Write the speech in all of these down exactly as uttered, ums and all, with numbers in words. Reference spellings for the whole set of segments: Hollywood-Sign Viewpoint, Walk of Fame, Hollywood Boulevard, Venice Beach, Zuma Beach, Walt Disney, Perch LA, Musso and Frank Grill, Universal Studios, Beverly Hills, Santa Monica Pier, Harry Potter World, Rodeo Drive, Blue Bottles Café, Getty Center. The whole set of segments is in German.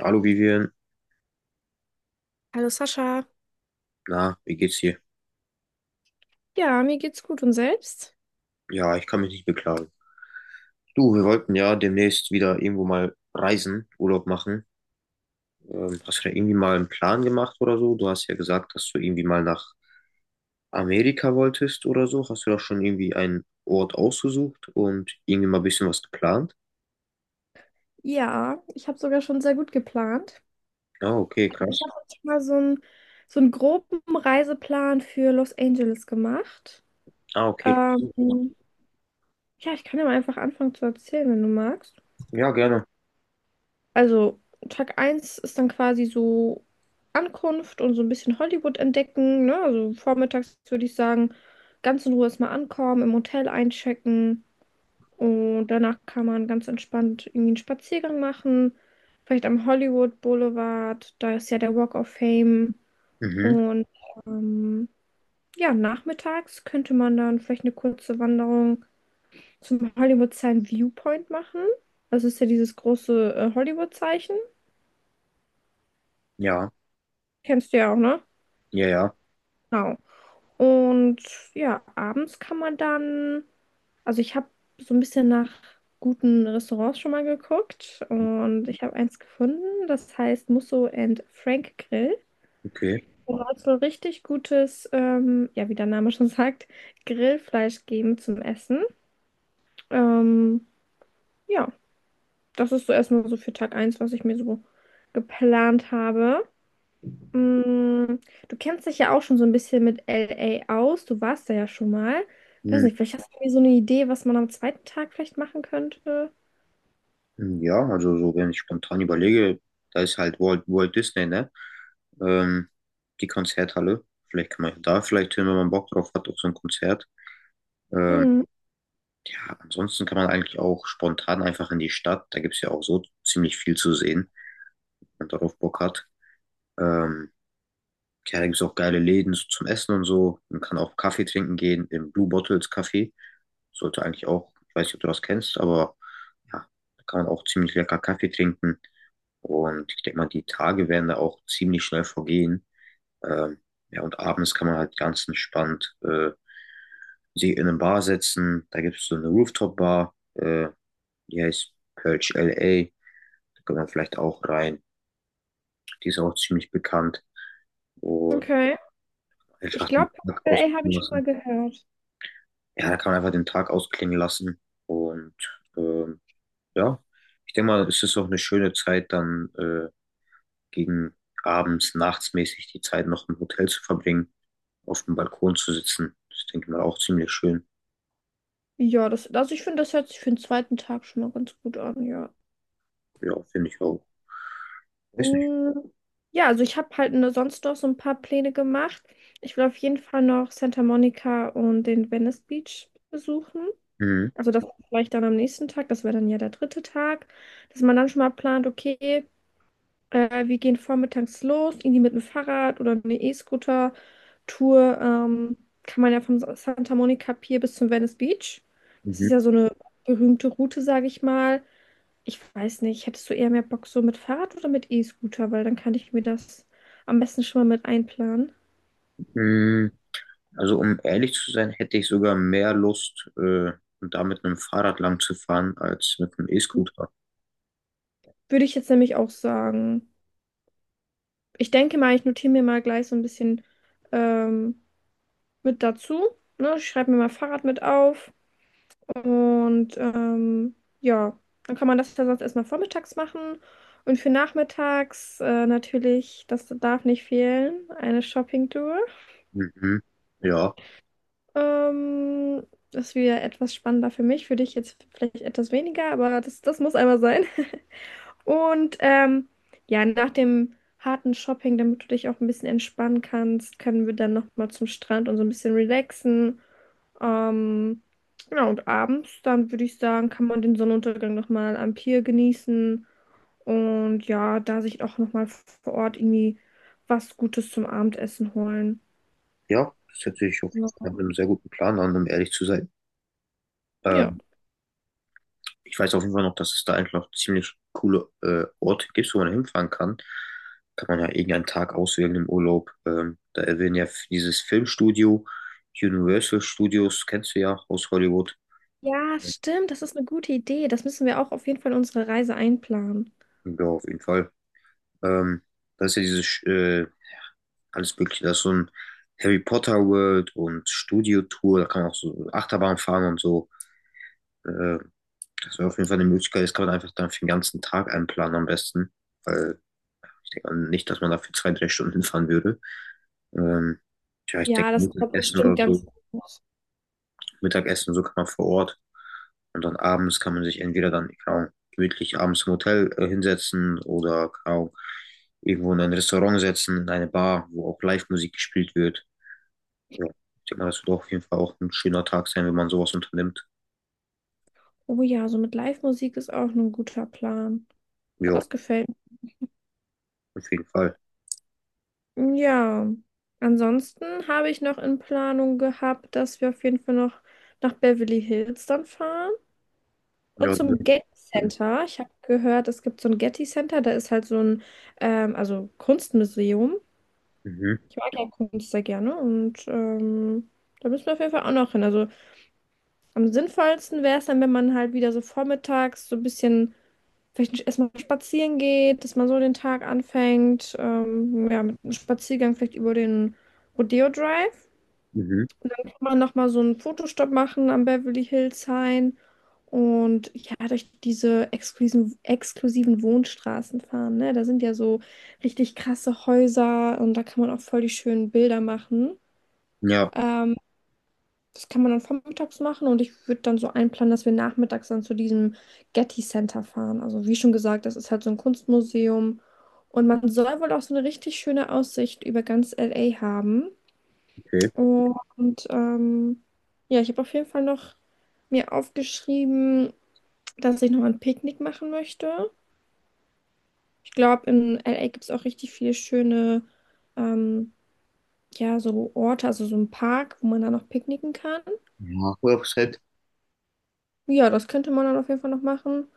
Hallo Vivian, Hallo Sascha. na, wie geht's dir? Ja, mir geht's gut, und selbst? Ja, ich kann mich nicht beklagen. Du, wir wollten ja demnächst wieder irgendwo mal reisen, Urlaub machen. Ähm, hast du da irgendwie mal einen Plan gemacht oder so? Du hast ja gesagt, dass du irgendwie mal nach Amerika wolltest oder so. Hast du da schon irgendwie einen Ort ausgesucht und irgendwie mal ein bisschen was geplant? Ja, ich habe sogar schon sehr gut geplant. Ah, okay, Ich habe krass. schon mal so einen so einen groben Reiseplan für Los Angeles gemacht. Ah, okay. Ähm, ja, ich kann ja mal einfach anfangen zu erzählen, wenn du magst. Ja, gerne. Also, Tag eins ist dann quasi so Ankunft und so ein bisschen Hollywood entdecken, ne? Also vormittags würde ich sagen, ganz in Ruhe erstmal ankommen, im Hotel einchecken. Und danach kann man ganz entspannt irgendwie einen Spaziergang machen. Vielleicht am Hollywood Boulevard, da ist ja der Walk of Fame. Mhm. Und ähm, ja, nachmittags könnte man dann vielleicht eine kurze Wanderung zum Hollywood-Sign Viewpoint machen. Das ist ja dieses große äh, Hollywood-Zeichen. Ja, Kennst du ja auch, ne? ja, ja, Genau. Und ja, abends kann man dann. Also ich habe so ein bisschen nach guten Restaurants schon mal geguckt, und ich habe eins gefunden, das heißt Musso and Frank Grill. okay. Und da soll es wohl richtig gutes, ähm, ja, wie der Name schon sagt, Grillfleisch geben zum Essen. Ähm, ja, das ist so erstmal so für Tag eins, was ich mir so geplant habe. Mm, du kennst dich ja auch schon so ein bisschen mit L A aus. Du warst da ja schon mal. Weiß Hm. nicht, vielleicht hast du mir so eine Idee, was man am zweiten Tag vielleicht machen könnte. Hm. Ja, also so, wenn ich spontan überlege, da ist halt Walt, Walt Disney, ne? ähm, Die Konzerthalle. Vielleicht kann man ja da vielleicht hin, wenn man Bock drauf hat, auf so ein Konzert. Ähm, Mm. ja, ansonsten kann man eigentlich auch spontan einfach in die Stadt. Da gibt es ja auch so ziemlich viel zu sehen, wenn man darauf Bock hat. Ähm, ja, da gibt es auch geile Läden so zum Essen und so. Man kann auch Kaffee trinken gehen im Blue Bottles Café. Sollte eigentlich auch, ich weiß nicht, ob du das kennst, aber ja, da kann man auch ziemlich lecker Kaffee trinken. Und ich denke mal, die Tage werden da auch ziemlich schnell vergehen. Ähm, ja, und abends kann man halt ganz entspannt äh, sich in eine Bar setzen. Da gibt es so eine Rooftop-Bar, äh, die heißt Perch L A. Da kann man vielleicht auch rein. Die ist auch ziemlich bekannt. Und Okay. Ich einfach den glaube, Tag L A habe ausklingen ich lassen. schon mal gehört. Ja, da kann man einfach den Tag ausklingen lassen. Und ähm, ja, ich denke mal, es ist auch eine schöne Zeit, dann äh, gegen abends, nachts mäßig die Zeit noch im Hotel zu verbringen, auf dem Balkon zu sitzen. Das denke ich mal auch ziemlich schön. Ja, das, also ich finde, das hört sich für den zweiten Tag schon mal ganz gut an, ja. Ja, finde ich auch. Weiß nicht. Mm, ja, also ich habe halt ne- sonst noch so ein paar Pläne gemacht. Ich will auf jeden Fall noch Santa Monica und den Venice Beach besuchen. Mhm. Also das vielleicht dann am nächsten Tag, das wäre dann ja der dritte Tag, dass man dann schon mal plant, okay, Äh, wir gehen vormittags los, irgendwie mit dem Fahrrad oder eine E-Scooter-Tour. Ähm, kann man ja vom Sa- Santa Monica Pier bis zum Venice Beach. Das Mhm. ist ja so eine berühmte Route, sage ich mal. Ich weiß nicht, hättest du eher mehr Bock so mit Fahrrad oder mit E-Scooter? Weil dann kann ich mir das am besten schon mal mit einplanen. Mhm. Also um ehrlich zu sein, hätte ich sogar mehr Lust, äh, da mit einem Fahrrad lang zu fahren, als mit einem E-Scooter. Würde ich jetzt nämlich auch sagen. Ich denke mal, ich notiere mir mal gleich so ein bisschen ähm, mit dazu. Ne? Ich schreibe mir mal Fahrrad mit auf. Und ähm, ja, dann kann man das ja sonst erstmal vormittags machen. Und für nachmittags äh, natürlich, das darf nicht fehlen, eine Shopping-Tour. Mhm. Ja, Ähm, das ist wieder etwas spannender für mich, für dich jetzt vielleicht etwas weniger, aber das, das muss einmal sein. Und ähm, ja, nach dem harten Shopping, damit du dich auch ein bisschen entspannen kannst, können wir dann nochmal zum Strand und so ein bisschen relaxen. Ähm, genau, und abends, dann würde ich sagen, kann man den Sonnenuntergang nochmal am Pier genießen und ja, da sich auch nochmal vor Ort irgendwie was Gutes zum Abendessen holen. ja, das hört sich auf jeden Ja, Fall nach einem sehr guten Plan an, um ehrlich zu sein. ja. Ähm, Ich weiß auf jeden Fall noch, dass es da eigentlich noch ziemlich coole äh, Orte gibt, wo man hinfahren kann. Kann man ja irgendeinen Tag auswählen im Urlaub. Ähm, da erwähnen ja f- dieses Filmstudio, Universal Studios, kennst du ja aus Hollywood. Ja, stimmt, das ist eine gute Idee. Das müssen wir auch auf jeden Fall in unsere Reise einplanen. Ja, auf jeden Fall. Ähm, Da ist ja dieses äh, alles Mögliche. Da ist so ein Harry Potter World und Studio Tour. Da kann man auch so Achterbahn fahren und so. Äh, Das wäre auf jeden Fall eine Möglichkeit. Das kann man einfach dann für den ganzen Tag einplanen am besten. Weil ich denke nicht, dass man da für zwei, drei Stunden hinfahren würde. Ähm, ja, ich denke, Ja, das kommt Mittagessen bestimmt oder ganz so. gut. Mittagessen, so kann man vor Ort. Und dann abends kann man sich entweder dann, keine Ahnung, gemütlich abends im Hotel äh, hinsetzen oder, keine Ahnung, irgendwo in ein Restaurant setzen, in eine Bar, wo auch Live-Musik gespielt wird. Ja, ich denke mal, das wird auf jeden Fall auch ein schöner Tag sein, wenn man sowas unternimmt. Oh ja, so mit Live-Musik ist auch ein guter Plan. Ja, Das gefällt. auf jeden Fall. Ja, ansonsten habe ich noch in Planung gehabt, dass wir auf jeden Fall noch nach Beverly Hills dann fahren und Ja, zum Getty Center. Ich habe gehört, es gibt so ein Getty Center, da ist halt so ein, ähm, also Kunstmuseum. mhm, Ich mag ja Kunst sehr gerne, und ähm, da müssen wir auf jeden Fall auch noch hin. Also am sinnvollsten wäre es dann, wenn man halt wieder so vormittags so ein bisschen vielleicht erstmal spazieren geht, dass man so den Tag anfängt, ähm, ja, mit einem Spaziergang vielleicht über den Rodeo Drive. mhm. Mal nochmal so einen Fotostopp machen am Beverly Hills Hain und ja, durch diese exklusiven, exklusiven Wohnstraßen fahren, ne? Da sind ja so richtig krasse Häuser, und da kann man auch voll die schönen Bilder machen. Ja, Ähm, das kann man dann vormittags machen, und ich würde dann so einplanen, dass wir nachmittags dann zu diesem Getty Center fahren. Also wie schon gesagt, das ist halt so ein Kunstmuseum, und man soll wohl auch so eine richtig schöne Aussicht über ganz L A haben. okay. Und ähm, ja, ich habe auf jeden Fall noch mir aufgeschrieben, dass ich noch ein Picknick machen möchte. Ich glaube, in L A gibt es auch richtig viele schöne, ähm, ja, so Orte, also so ein Park, wo man dann noch picknicken kann. Ja, Website. Ja, das könnte man dann auf jeden Fall noch machen.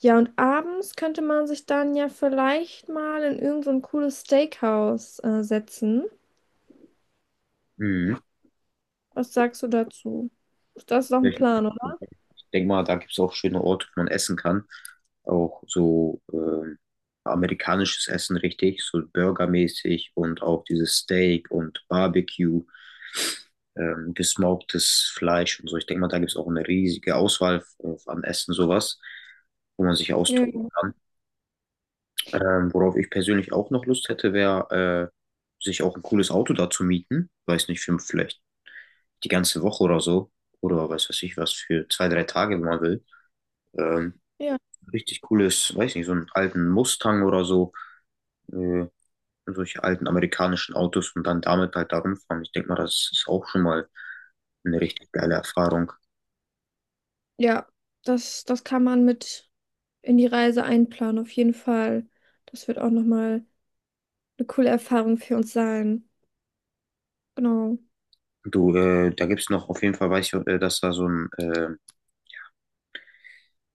Ja, und abends könnte man sich dann ja vielleicht mal in irgend so ein cooles Steakhouse, äh, setzen. Mhm. Was sagst du dazu? Das ist auch ein Plan, oder? Denke mal, da gibt es auch schöne Orte, wo man essen kann. Auch so ähm, amerikanisches Essen richtig, so burgermäßig und auch dieses Steak und Barbecue, ähm, gesmoktes Fleisch und so. Ich denke mal, da gibt es auch eine riesige Auswahl äh, an Essen, sowas, wo man sich austoben Ja, kann. Ähm, worauf ich persönlich auch noch Lust hätte, wäre, äh, sich auch ein cooles Auto da zu mieten. Weiß nicht, für vielleicht die ganze Woche oder so. Oder weiß was ich was, für zwei, drei Tage, wenn man will. Ähm, ja. Richtig cooles, weiß nicht, so einen alten Mustang oder so, äh, solche alten amerikanischen Autos und dann damit halt da rumfahren. Ich denke mal, das ist auch schon mal eine richtig geile Erfahrung. Ja, das, das kann man mit. In die Reise einplanen, auf jeden Fall. Das wird auch nochmal eine coole Erfahrung für uns sein. Genau. Du, äh, da gibt's noch auf jeden Fall, weiß ich, äh, dass da so ein, äh,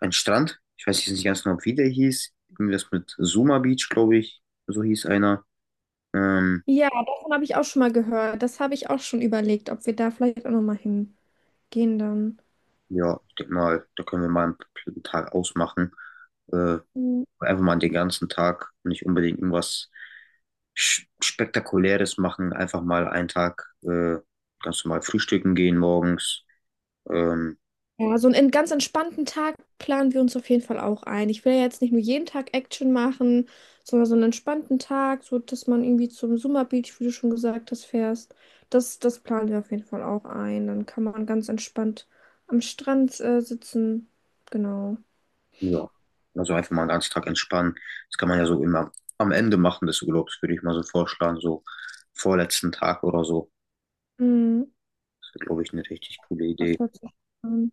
ein Strand, ich weiß jetzt nicht ganz genau, wie der hieß, irgendwas mit Zuma Beach, glaube ich, so hieß einer. Ähm, Ja, davon habe ich auch schon mal gehört. Das habe ich auch schon überlegt, ob wir da vielleicht auch nochmal hingehen dann. ja, ich denke mal, da können wir mal einen P- Tag ausmachen. Äh, Mhm. Einfach mal den ganzen Tag nicht unbedingt irgendwas Sch- Spektakuläres machen. Einfach mal einen Tag äh, ganz normal frühstücken gehen morgens. Ähm, Ja, so einen ganz entspannten Tag planen wir uns auf jeden Fall auch ein. Ich will ja jetzt nicht nur jeden Tag Action machen, sondern so einen entspannten Tag, so dass man irgendwie zum Summer Beach, wie du schon gesagt hast, fährst. Das, das planen wir auf jeden Fall auch ein. Dann kann man ganz entspannt am Strand, äh, sitzen. Genau. ja, also einfach mal einen ganzen Tag entspannen. Das kann man ja so immer am Ende machen des Urlaubs, würde ich mal so vorschlagen. So vorletzten Tag oder so. Mhm. Das wäre, glaube ich, eine richtig coole Das Idee. hört sich an.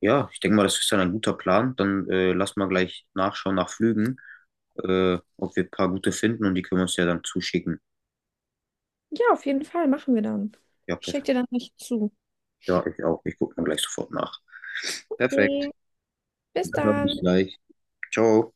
Ja, ich denke mal, das ist dann ein guter Plan. Dann äh, lass mal gleich nachschauen nach Flügen, äh, ob wir ein paar gute finden und die können wir uns ja dann zuschicken. Ja, auf jeden Fall machen wir dann. Ja, Ich schicke dir perfekt. dann nicht zu. Ja, ich auch. Ich gucke dann gleich sofort nach. Perfekt. Okay, bis Dann dann. bis gleich. Ciao.